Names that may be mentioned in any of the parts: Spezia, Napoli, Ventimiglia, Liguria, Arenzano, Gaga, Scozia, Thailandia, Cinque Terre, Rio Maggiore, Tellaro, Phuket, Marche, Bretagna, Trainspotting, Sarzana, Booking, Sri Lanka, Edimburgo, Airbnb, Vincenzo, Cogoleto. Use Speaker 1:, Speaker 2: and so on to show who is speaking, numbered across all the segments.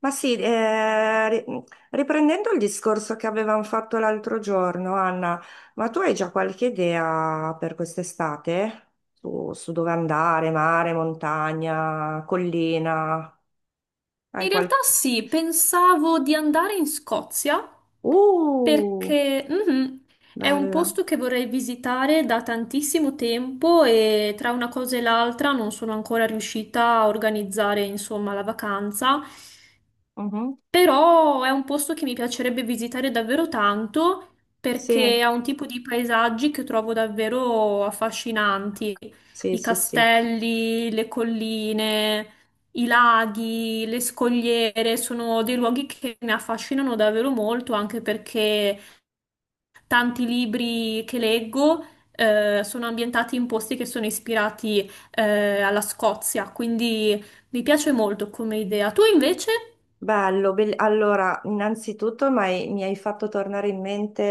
Speaker 1: Ma sì, riprendendo il discorso che avevamo fatto l'altro giorno, Anna, ma tu hai già qualche idea per quest'estate? Su dove andare, mare, montagna, collina?
Speaker 2: In
Speaker 1: Hai
Speaker 2: realtà
Speaker 1: qualche...
Speaker 2: sì, pensavo di andare in Scozia
Speaker 1: Uh,
Speaker 2: perché è un
Speaker 1: bella.
Speaker 2: posto che vorrei visitare da tantissimo tempo e tra una cosa e l'altra non sono ancora riuscita a organizzare, insomma, la vacanza.
Speaker 1: Mhm.
Speaker 2: Però è un posto che mi piacerebbe visitare davvero tanto perché
Speaker 1: Sì,
Speaker 2: ha un tipo di paesaggi che trovo davvero affascinanti.
Speaker 1: sì,
Speaker 2: I
Speaker 1: sì, sì.
Speaker 2: castelli, le colline, i laghi, le scogliere sono dei luoghi che mi affascinano davvero molto, anche perché tanti libri che leggo, sono ambientati in posti che sono ispirati, alla Scozia, quindi mi piace molto come idea. Tu invece?
Speaker 1: Bello, allora, innanzitutto mi hai fatto tornare in mente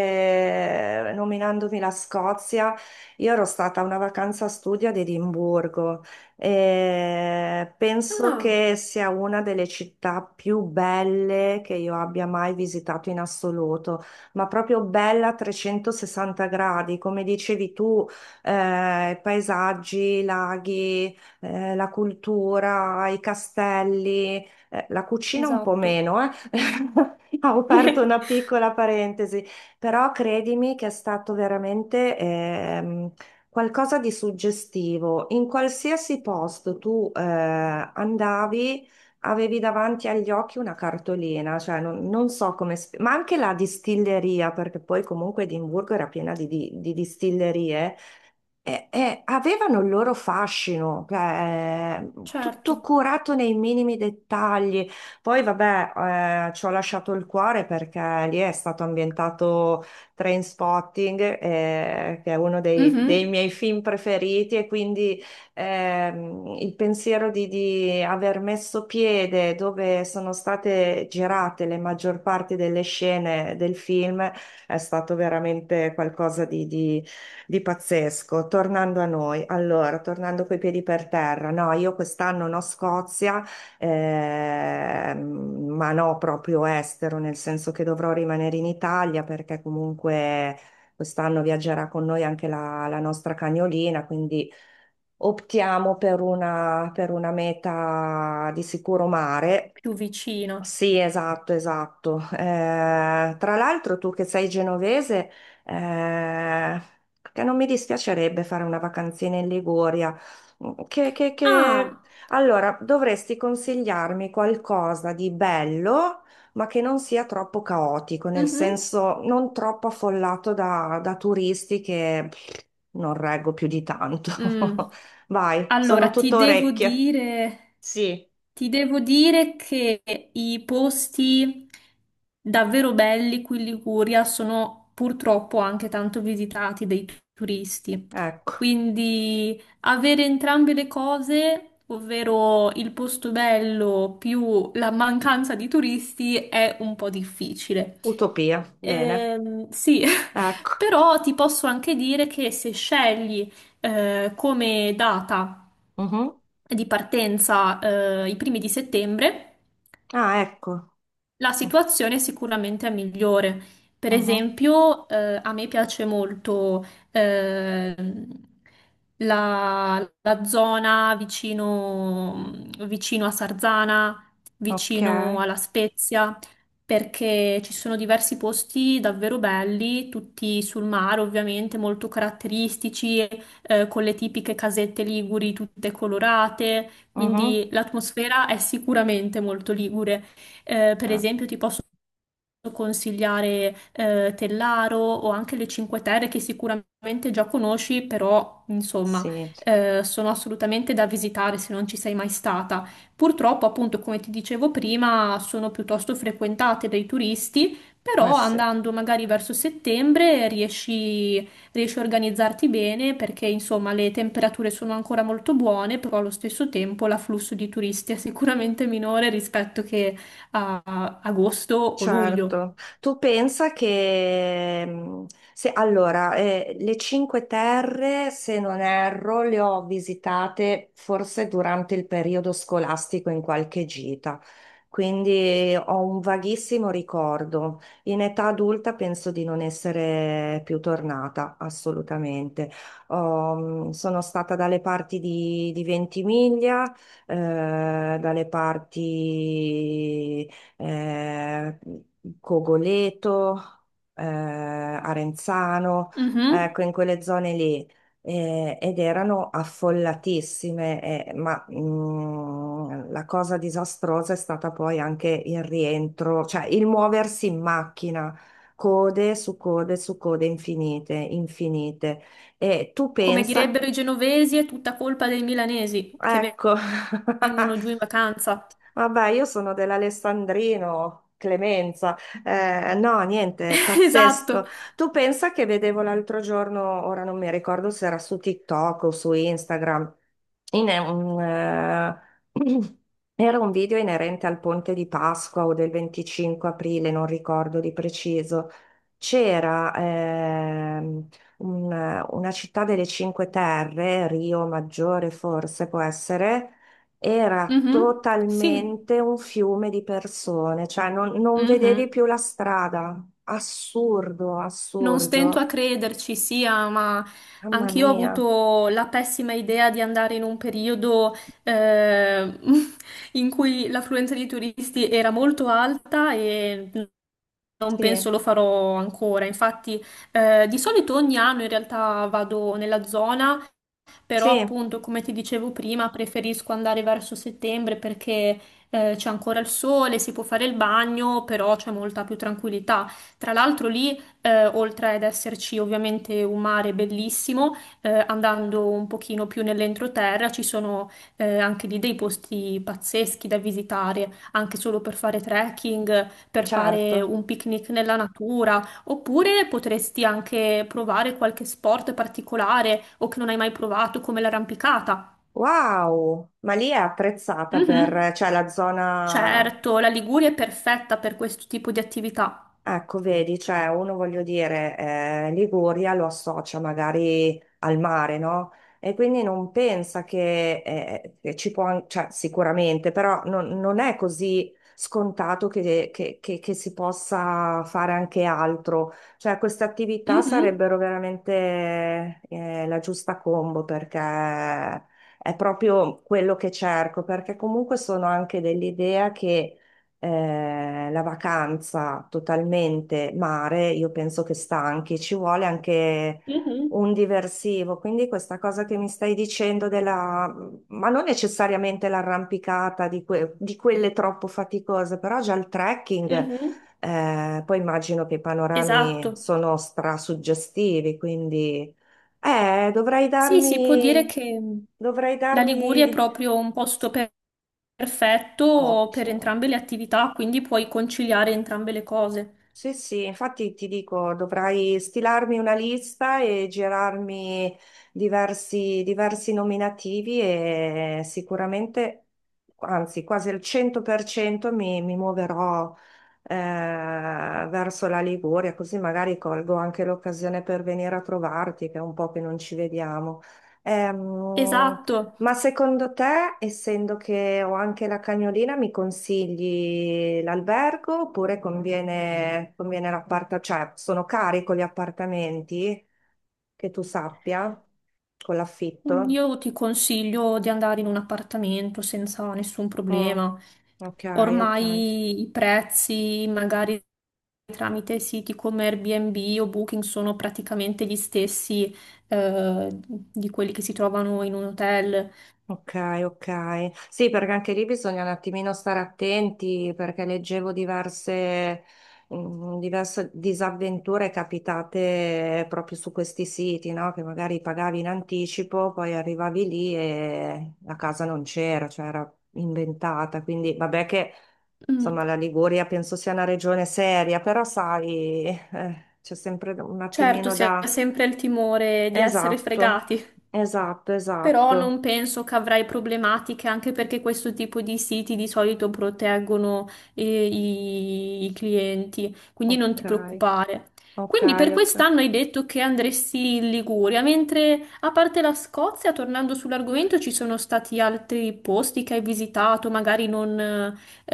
Speaker 1: nominandomi la Scozia. Io ero stata a una vacanza studio ad Edimburgo e penso
Speaker 2: Ah.
Speaker 1: che sia una delle città più belle che io abbia mai visitato in assoluto, ma proprio bella a 360 gradi, come dicevi tu, paesaggi, laghi, la cultura, i castelli. La cucina un po'
Speaker 2: Esatto.
Speaker 1: meno, eh. Ho aperto una piccola parentesi, però credimi che è stato veramente qualcosa di suggestivo. In qualsiasi posto tu andavi, avevi davanti agli occhi una cartolina, cioè non so come, ma anche la distilleria, perché poi comunque Edimburgo era piena di distillerie avevano il loro fascino, cioè, tutto
Speaker 2: Certo.
Speaker 1: curato nei minimi dettagli. Poi, vabbè, ci ho lasciato il cuore perché lì è stato ambientato Trainspotting, che è uno dei
Speaker 2: Mhm.
Speaker 1: miei film preferiti, e quindi il pensiero di aver messo piede dove sono state girate le maggior parte delle scene del film è stato veramente qualcosa di pazzesco, tornando a noi, allora, tornando coi piedi per terra, no, io quest'anno no Scozia, ehm, ma no proprio estero, nel senso che dovrò rimanere in Italia perché comunque quest'anno viaggerà con noi anche la nostra cagnolina, quindi optiamo per una meta di sicuro mare.
Speaker 2: Più vicino.
Speaker 1: Sì, esatto, esatto. Tra l'altro tu che sei genovese, eh, che non mi dispiacerebbe fare una vacanzina in Liguria. Mm.
Speaker 2: Ah,
Speaker 1: Allora, dovresti consigliarmi qualcosa di bello, ma che non sia troppo caotico, nel
Speaker 2: mhm.
Speaker 1: senso non troppo affollato da turisti che pff, non reggo più di tanto.
Speaker 2: Mm,
Speaker 1: Vai, sono
Speaker 2: allora,
Speaker 1: tutto orecchie. Sì,
Speaker 2: ti devo dire che i posti davvero belli qui in Liguria sono purtroppo anche tanto visitati dai turisti.
Speaker 1: ecco,
Speaker 2: Quindi avere entrambe le cose, ovvero il posto bello più la mancanza di turisti, è un po' difficile.
Speaker 1: utopia. Bene.
Speaker 2: Sì,
Speaker 1: Ecco.
Speaker 2: Però ti posso anche dire che se scegli come data
Speaker 1: Mhm.
Speaker 2: di partenza i primi di settembre,
Speaker 1: Ah, ecco.
Speaker 2: la situazione sicuramente è migliore. Per
Speaker 1: Mhm.
Speaker 2: esempio, a me piace molto ehm, la, la zona vicino, vicino a Sarzana,
Speaker 1: Ok.
Speaker 2: vicino alla Spezia, perché ci sono diversi posti davvero belli, tutti sul mare ovviamente, molto caratteristici, con le tipiche casette liguri tutte colorate,
Speaker 1: Mhm.
Speaker 2: quindi l'atmosfera è sicuramente molto ligure. Per
Speaker 1: Ah,
Speaker 2: esempio, ti posso consigliare Tellaro o anche le Cinque Terre che sicuramente già conosci, però insomma
Speaker 1: sì.
Speaker 2: sono assolutamente da visitare se non ci sei mai stata. Purtroppo, appunto, come ti dicevo prima, sono piuttosto frequentate dai turisti, però
Speaker 1: Sì.
Speaker 2: andando magari verso settembre riesci, riesci a organizzarti bene perché insomma le temperature sono ancora molto buone, però allo stesso tempo l'afflusso di turisti è sicuramente minore rispetto che a agosto o luglio.
Speaker 1: Certo, tu pensa che se, allora, le Cinque Terre, se non erro, le ho visitate forse durante il periodo scolastico in qualche gita, quindi ho un vaghissimo ricordo. In età adulta penso di non essere più tornata, assolutamente. Ho, sono stata dalle parti di Ventimiglia, eh, dalle parti eh, Cogoleto, Arenzano,
Speaker 2: Mhm.
Speaker 1: ecco, in quelle zone lì. Eh, ed erano affollatissime, la cosa disastrosa è stata poi anche il rientro, cioè il muoversi in macchina, code su code su code infinite, infinite. E tu
Speaker 2: Come
Speaker 1: pensa,
Speaker 2: direbbero i genovesi, è tutta colpa dei milanesi che
Speaker 1: ecco.
Speaker 2: vengono giù in vacanza.
Speaker 1: Vabbè, io sono dell'Alessandrino, Clemenza. No, niente,
Speaker 2: Esatto.
Speaker 1: pazzesco. Tu pensa che vedevo l'altro giorno, ora non mi ricordo se era su TikTok o su Instagram, in- un, eh, era un video inerente al ponte di Pasqua o del 25 aprile, non ricordo di preciso. C'era una città delle Cinque Terre, Rio Maggiore forse può essere, era
Speaker 2: Mhm. Sì.
Speaker 1: totalmente un fiume di persone, cioè non vedevi
Speaker 2: Mhm.
Speaker 1: più la strada. Assurdo,
Speaker 2: Non stento a
Speaker 1: assurdo.
Speaker 2: crederci, sia, ma
Speaker 1: Mamma
Speaker 2: anch'io ho
Speaker 1: mia.
Speaker 2: avuto la pessima idea di andare in un periodo eh, in cui l'affluenza di turisti era molto alta e non penso
Speaker 1: Sì,
Speaker 2: lo farò ancora. Infatti, di solito ogni anno in realtà vado nella zona, però
Speaker 1: sì,
Speaker 2: appunto, come ti dicevo prima, preferisco andare verso settembre perché c'è ancora il sole, si può fare il bagno, però c'è molta più tranquillità. Tra l'altro lì, oltre ad esserci ovviamente un mare bellissimo, andando un pochino più nell'entroterra, ci sono anche lì dei posti pazzeschi da visitare, anche solo per fare trekking, per fare
Speaker 1: certo.
Speaker 2: un picnic nella natura. Oppure potresti anche provare qualche sport particolare o che non hai mai provato, come l'arrampicata.
Speaker 1: Wow, ma lì è apprezzata
Speaker 2: Mhm.
Speaker 1: per, cioè la zona.
Speaker 2: Certo, la Liguria è perfetta per questo tipo di attività.
Speaker 1: Ecco, vedi, cioè uno voglio dire, Liguria lo associa magari al mare, no? E quindi non pensa che ci può, cioè sicuramente, però non è così scontato che si possa fare anche altro. Cioè queste attività
Speaker 2: Mhm,
Speaker 1: sarebbero veramente, la giusta combo perché è proprio quello che cerco, perché comunque sono anche dell'idea che la vacanza totalmente mare, io penso che stanchi, ci vuole anche
Speaker 2: mhm,
Speaker 1: un diversivo. Quindi questa cosa che mi stai dicendo della, ma non necessariamente l'arrampicata di quelle troppo faticose, però già il trekking,
Speaker 2: mhm.
Speaker 1: poi immagino che i panorami
Speaker 2: Esatto.
Speaker 1: sono strasuggestivi, quindi eh, dovrei
Speaker 2: Sì, si può dire
Speaker 1: darmi,
Speaker 2: che
Speaker 1: dovrei
Speaker 2: la Liguria è
Speaker 1: darmi.
Speaker 2: proprio perfetto per
Speaker 1: Ottimo.
Speaker 2: entrambe le attività, quindi puoi conciliare entrambe le cose.
Speaker 1: Sì, sì, infatti ti dico, dovrai stilarmi una lista e girarmi diversi nominativi e sicuramente, anzi quasi al 100% mi muoverò eh, verso la Liguria, così magari colgo anche l'occasione per venire a trovarti, che è un po' che non ci vediamo. Ehm,
Speaker 2: Esatto.
Speaker 1: ma secondo te, essendo che ho anche la cagnolina, mi consigli l'albergo oppure conviene l'appartamento? Cioè, sono cari con gli appartamenti, che tu sappia, con l'affitto?
Speaker 2: Io ti consiglio di andare in un appartamento senza nessun
Speaker 1: Mm,
Speaker 2: problema.
Speaker 1: ok, ok.
Speaker 2: Ormai i prezzi, magari tramite siti come Airbnb o Booking, sono praticamente gli stessi, di quelli che si trovano in un hotel.
Speaker 1: Ok, ok. Sì, perché anche lì bisogna un attimino stare attenti perché leggevo diverse disavventure capitate proprio su questi siti, no? Che magari pagavi in anticipo, poi arrivavi lì e la casa non c'era, cioè era inventata. Quindi vabbè che
Speaker 2: Mm,
Speaker 1: insomma la Liguria penso sia una regione seria, però sai, c'è sempre un
Speaker 2: certo,
Speaker 1: attimino
Speaker 2: si ha
Speaker 1: da...
Speaker 2: sempre il timore di essere
Speaker 1: Esatto,
Speaker 2: fregati.
Speaker 1: esatto,
Speaker 2: Però
Speaker 1: esatto.
Speaker 2: non penso che avrai problematiche, anche perché questo tipo di siti di solito proteggono i, i clienti, quindi non ti
Speaker 1: Ok,
Speaker 2: preoccupare.
Speaker 1: ok,
Speaker 2: Quindi per
Speaker 1: ok.
Speaker 2: quest'anno hai detto che andresti in Liguria, mentre a parte la Scozia, tornando sull'argomento, ci sono stati altri posti che hai visitato, magari non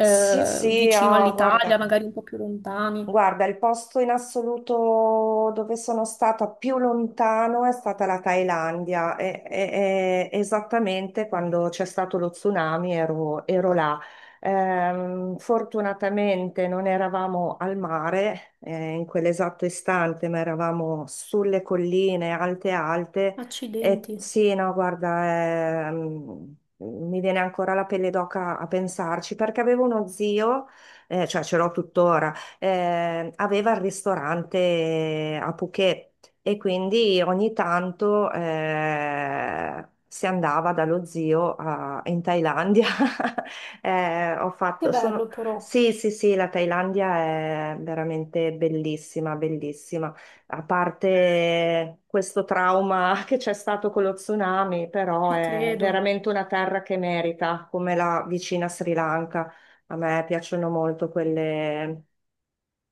Speaker 1: Sì, sì,
Speaker 2: vicino
Speaker 1: ah,
Speaker 2: all'Italia,
Speaker 1: guarda.
Speaker 2: magari un po' più lontani.
Speaker 1: Guarda, il posto in assoluto dove sono stata più lontano è stata la Thailandia. Esattamente quando c'è stato lo tsunami ero là. Fortunatamente non eravamo al mare, in quell'esatto istante, ma eravamo sulle colline alte alte. E
Speaker 2: Accidenti,
Speaker 1: sì, no, guarda, mi viene ancora la pelle d'oca a pensarci perché avevo uno zio cioè ce l'ho tuttora, aveva il ristorante a Phuket e quindi ogni tanto si andava dallo zio in Thailandia. Eh, ho
Speaker 2: che
Speaker 1: fatto, sono-
Speaker 2: bello però,
Speaker 1: Sì, sì, sì, la Thailandia è veramente bellissima, bellissima. A parte questo trauma che c'è stato con lo tsunami, però
Speaker 2: ci
Speaker 1: è
Speaker 2: credo.
Speaker 1: veramente una terra che merita, come la vicina Sri Lanka. A me piacciono molto quelle,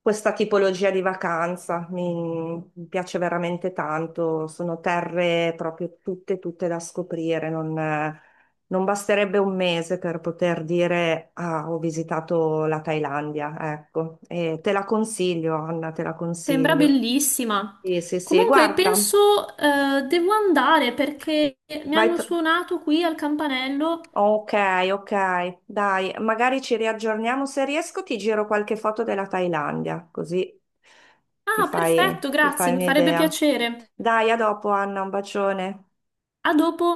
Speaker 1: questa tipologia di vacanza. Mi piace veramente tanto. Sono terre proprio tutte, tutte da scoprire. Non, non basterebbe un mese per poter dire ah, ho visitato la Thailandia. Ecco, e te la consiglio, Anna, te la
Speaker 2: Sembra
Speaker 1: consiglio.
Speaker 2: bellissima.
Speaker 1: Sì, sì, sì,
Speaker 2: Comunque
Speaker 1: guarda,
Speaker 2: penso devo andare perché mi
Speaker 1: vai.
Speaker 2: hanno suonato qui al campanello.
Speaker 1: Ok, ok, dai, magari ci riaggiorniamo. Se riesco, ti giro qualche foto della Thailandia, così
Speaker 2: Ah, perfetto,
Speaker 1: ti
Speaker 2: grazie,
Speaker 1: fai
Speaker 2: mi farebbe
Speaker 1: un'idea.
Speaker 2: piacere.
Speaker 1: Dai, a dopo, Anna, un bacione.
Speaker 2: A dopo.